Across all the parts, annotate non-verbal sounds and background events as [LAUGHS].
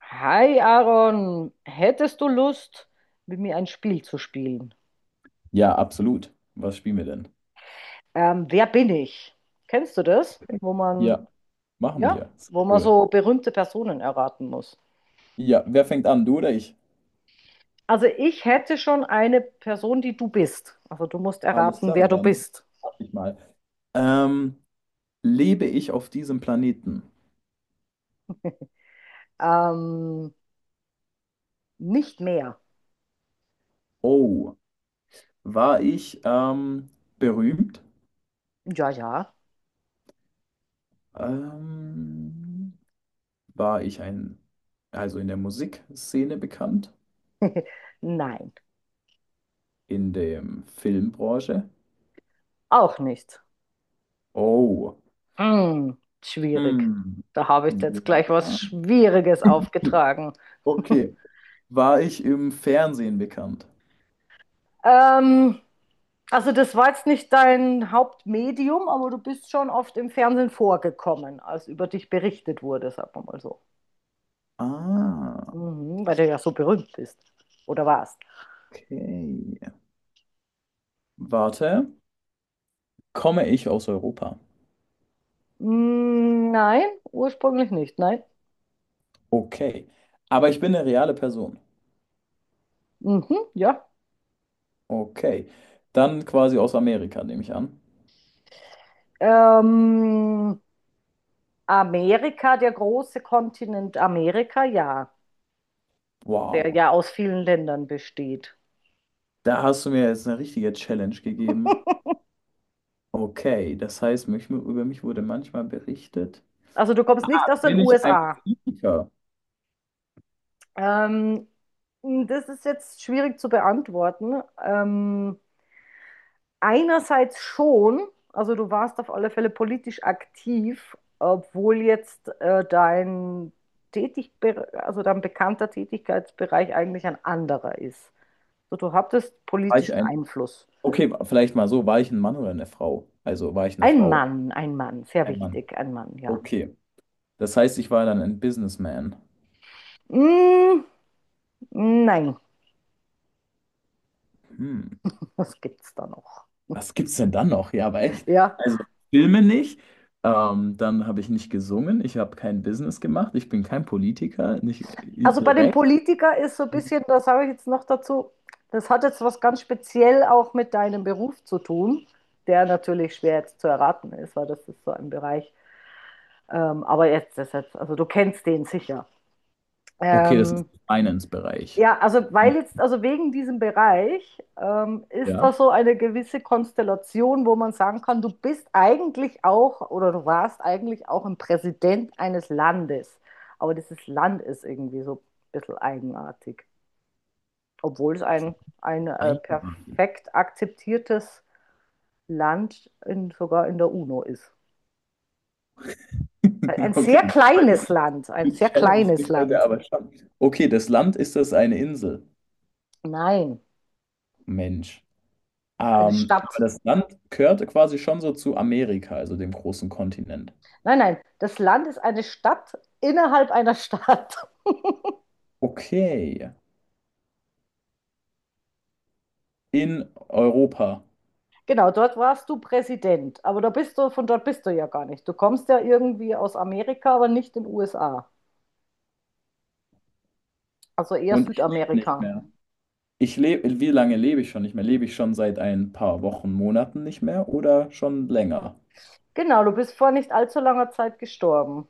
Hi Aaron, hättest du Lust, mit mir ein Spiel zu spielen? Ja, absolut. Was spielen wir denn? Wer bin ich? Kennst du das? Wo man, Ja, machen ja, wir. wo Sehr man cool. so berühmte Personen erraten muss. Ja, wer fängt an? Du oder ich? Also ich hätte schon eine Person, die du bist. Also du musst Alles erraten, klar, wer du dann bist. mach ich mal. Ähm, Lebe ich auf diesem Planeten? Ähm, Nicht mehr. Oh, war ich berühmt? Ja, ja. Ähm, war ich ein, also in der Musikszene bekannt? Nein, In der Filmbranche? auch nicht. Oh, Hm, Schwierig. hm. Da habe ich jetzt Ja. gleich was Schwieriges [LAUGHS] aufgetragen. Okay. [LAUGHS] War ich im Fernsehen bekannt? Ähm, also das war jetzt nicht dein Hauptmedium, aber du bist schon oft im Fernsehen vorgekommen, als über dich berichtet wurde, sagen wir mal so. Ah, Mhm, weil du ja so berühmt bist. Oder warst. okay. Warte, komme ich aus Europa? Mm, nein, ursprünglich nicht, nein. Okay. Aber ich bin eine reale Person. Mhm, ja. Okay. Dann quasi aus Amerika, nehme ich an. Ähm, Amerika, der große Kontinent Amerika, ja. Der Wow. ja aus vielen Ländern besteht. Da hast du mir jetzt eine richtige Challenge gegeben. Okay, das heißt, über mich wurde manchmal berichtet. Also du kommst nicht aus den Bin ich ein USA. Politiker? Ähm, Das ist jetzt schwierig zu beantworten. Einerseits schon, also du warst auf alle Fälle politisch aktiv, obwohl jetzt dein Tätig also dein bekannter Tätigkeitsbereich eigentlich ein anderer ist. So, du hattest War ich politischen ein... Einfluss. Okay, vielleicht mal so, war ich ein Mann oder eine Frau? Also war ich eine Frau? Ein Mann, sehr Ein Mann. wichtig, ein Mann, ja. Okay. Das heißt, ich war dann ein Businessman. Mm, nein, Hm. [LAUGHS] was gibt's da noch? Was gibt's denn dann noch? Ja, aber echt. Ja, Also Filme nicht. Dann habe ich nicht gesungen. Ich habe kein Business gemacht. Ich bin kein Politiker. Nicht also bei dem direkt. Politiker ist so ein bisschen, das sage ich jetzt noch dazu, das hat jetzt was ganz speziell auch mit deinem Beruf zu tun, der natürlich schwer jetzt zu erraten ist, weil das ist so ein Bereich. Aber jetzt, also du kennst den sicher. Okay, das ist Ähm, Finance-Bereich. ja, also wegen diesem Bereich ist Ja. da so eine gewisse Konstellation, wo man sagen kann, du bist eigentlich auch oder du warst eigentlich auch ein Präsident eines Landes. Aber dieses Land ist irgendwie so ein bisschen eigenartig, obwohl es ein Einmalig. perfekt akzeptiertes Land in, sogar in der UNO ist. Ein [LAUGHS] Okay, sehr heute- kleines Land, ein die sehr Challenge kleines liegt heute Land. aber schon. Okay, das Land ist das eine Insel. Nein, Mensch. eine Aber Stadt. das Land gehört quasi schon so zu Amerika, also dem großen Kontinent. Nein, nein, das Land ist eine Stadt innerhalb einer Stadt. [LAUGHS] Okay. In Europa. Genau, dort warst du Präsident, aber von dort bist du ja gar nicht. Du kommst ja irgendwie aus Amerika, aber nicht in den USA. Also eher Und ich lebe nicht Südamerika. mehr. Wie lange lebe ich schon nicht mehr? Lebe ich schon seit ein paar Wochen, Monaten nicht mehr oder schon länger? Genau, du bist vor nicht allzu langer Zeit gestorben.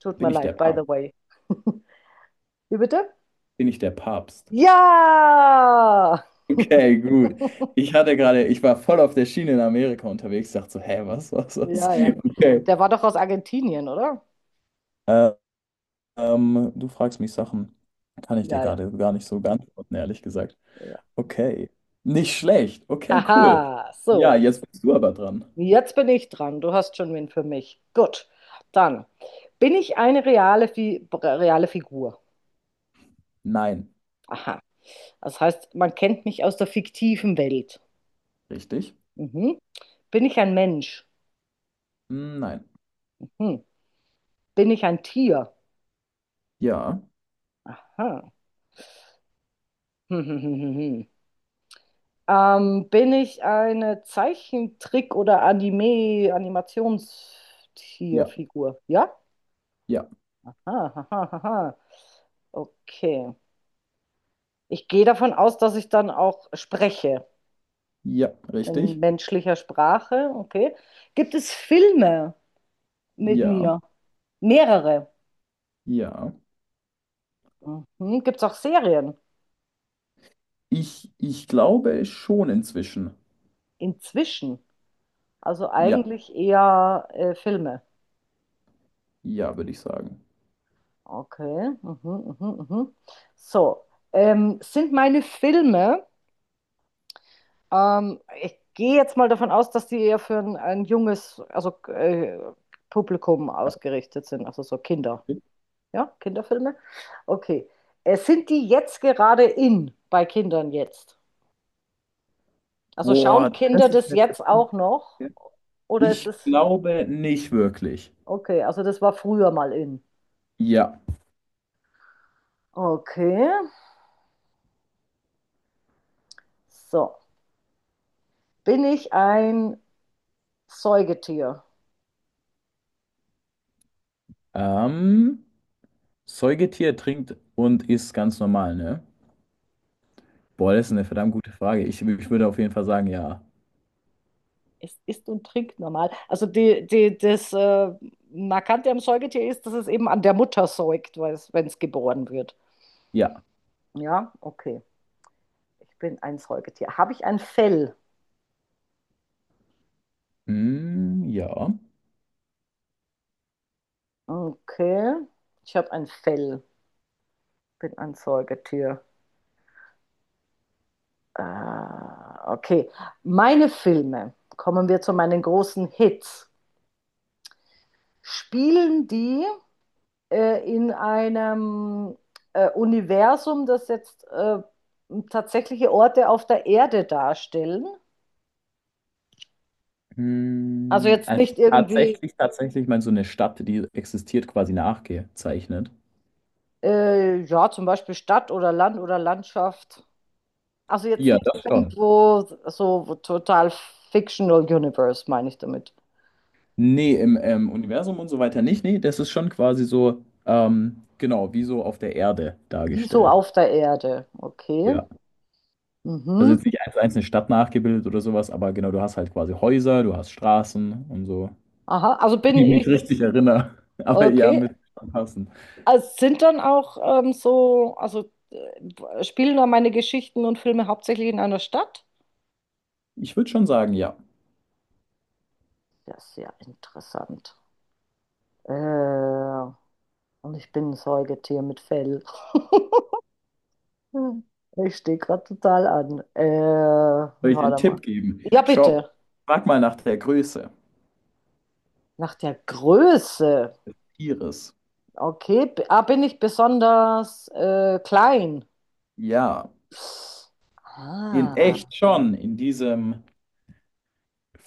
Tut mir Bin ich der leid, by the Papst? way. [LAUGHS] Wie bitte? Bin ich der Papst? Ja! Okay, gut. [LAUGHS] Ich war voll auf der Schiene in Amerika unterwegs, dachte so, hä, was? Ja, ja. Okay. Der war doch aus Argentinien, oder? Äh, ähm, du fragst mich Sachen, kann ich dir Ja, ja, gerade gar nicht so beantworten, ehrlich gesagt. ja, ja. Okay. Nicht schlecht. Okay, cool. Haha, Ja, so. jetzt bist du aber dran. Jetzt bin ich dran. Du hast schon wen für mich. Gut. Dann bin ich eine reale Figur. Nein. Aha. Das heißt, man kennt mich aus der fiktiven Welt. Richtig? Mhm. Bin ich ein Mensch? Hm, nein. Mhm. Bin ich ein Tier? Ja. Aha. [LAUGHS] Bin ich eine Zeichentrick- oder Anime, Ja. Animationstierfigur? Ja? Ja. Aha, aha, aha. Okay. Ich gehe davon aus, dass ich dann auch spreche Ja. in Richtig? menschlicher Sprache. Okay. Gibt es Filme mit Ja, mir? Mehrere. ja. Mhm. Gibt es auch Serien? Ich glaube schon inzwischen. Inzwischen. Also Ja, eigentlich eher Filme. ja, würde ich sagen. Okay. Mhm, mhm, mhm. So. Sind meine Filme. Ich gehe jetzt mal davon aus, dass die eher für ein junges, also Publikum Ja. ausgerichtet sind, also so Kinder. Ja, Kinderfilme? Okay. Sind die jetzt gerade in bei Kindern jetzt? Also Boah, schauen das Kinder das ist eine jetzt verdammte. auch noch? Oder ist Ich das. glaube nicht wirklich. Okay, also das war früher mal in. Ja. Okay. So. Bin ich ein Säugetier? Ähm, Säugetier trinkt und isst ganz normal, ne? Boah, das ist eine verdammt gute Frage. Ich würde auf jeden Fall sagen, ja. Es isst und trinkt normal. Also das Markante am Säugetier ist, dass es eben an der Mutter säugt, wenn es geboren wird. Ja. Ja, okay. Ich bin ein Säugetier. Habe ich ein Fell? Hm, ja. Okay. Ich habe ein Fell. Bin ein Säugetier. Äh, okay. Meine Filme, kommen wir zu meinen großen Hits. Spielen die in einem Universum, das jetzt tatsächliche Orte auf der Erde darstellen. Also Hm, jetzt also nicht irgendwie, tatsächlich mal so eine Stadt, die existiert, quasi nachgezeichnet. Ja, zum Beispiel Stadt oder Land oder Landschaft. Also jetzt Ja, nicht das schon. irgendwo so total Fictional Universe, meine ich damit. Nee, im Universum und so weiter nicht. Nee, das ist schon quasi so, genau, wie so auf der Erde Wieso dargestellt. auf der Erde? Okay. Ja. Also Mhm. jetzt nicht eins zu eins eine Stadt nachgebildet oder sowas, aber genau, du hast halt quasi Häuser, du hast Straßen und so. Aha, also bin Wenn ich ich, mich richtig erinnere. [LAUGHS] Aber ja, okay. mit schon passen. Also sind dann auch so, also spielen da meine Geschichten und Filme hauptsächlich in einer Stadt? Ich würde schon sagen, ja. Das ist ja, sehr interessant. Äh, und ich bin ein Säugetier mit Fell. [LAUGHS] Ich stehe gerade total an. Soll ich dir einen Warte mal. Tipp geben? Ja, Schau, bitte. frag mal nach der Größe Nach der Größe. ihres. Okay, bin ich besonders klein? Ja, in Ah, echt schon, in diesem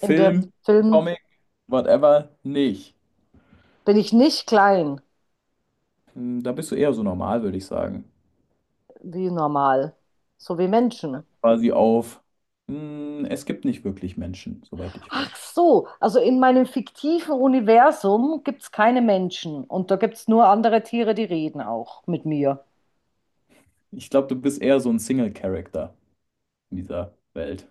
in dem Film Comic, whatever, nicht. bin ich nicht klein, Hm, da bist du eher so normal, würde ich sagen. wie normal, so wie Menschen. Quasi auf, hm, es gibt nicht wirklich Menschen, soweit ich weiß. Ach so, also in meinem fiktiven Universum gibt es keine Menschen und da gibt es nur andere Tiere, die reden auch mit mir. Ich glaube, du bist eher so ein Single-Character in dieser Welt.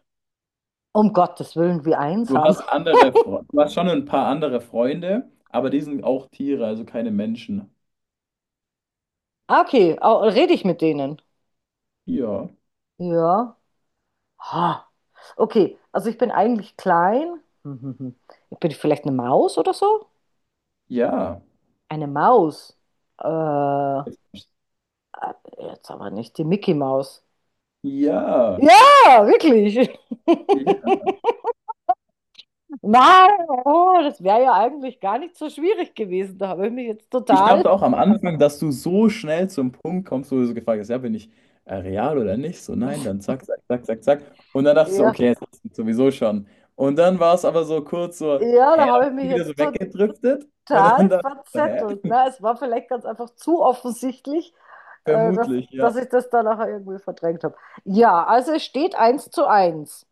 Um Gottes Willen, wie Du einsam. hast andere, du hast schon ein paar andere Freunde, aber die sind auch Tiere, also keine Menschen. Ah, okay, rede ich mit denen? Ja, Ja. Ha. Okay, also ich bin eigentlich klein. [LAUGHS] Hm, hm, hm. Ich bin vielleicht eine Maus oder so? ja, Eine Maus. Äh, Jetzt aber nicht die Mickey Maus. ja, Ja, wirklich. ja. [LAUGHS] Nein, oh, das wäre ja eigentlich gar nicht so schwierig gewesen. Da habe ich mich jetzt Ich total, dachte auch am Anfang, dass du so schnell zum Punkt kommst, wo du so gefragt hast, ja, bin ich real oder nicht? So, nein, dann [LAUGHS] zack, zack, zack, zack, zack. Und dann dachtest du, ja, okay, jetzt hast du sowieso schon. Und dann war es aber so kurz so, ja, da hä, dann habe ich mich bin ich wieder jetzt so weggedriftet. Und dann total dachte ich, so, hä? verzettelt. Ne? Es war vielleicht ganz einfach zu offensichtlich, äh, dass, Vermutlich, dass ja, ich das dann nachher irgendwie verdrängt habe. Ja, also es steht eins zu eins.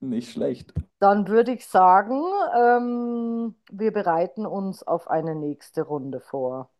nicht schlecht. Dann würde ich sagen, wir bereiten uns auf eine nächste Runde vor.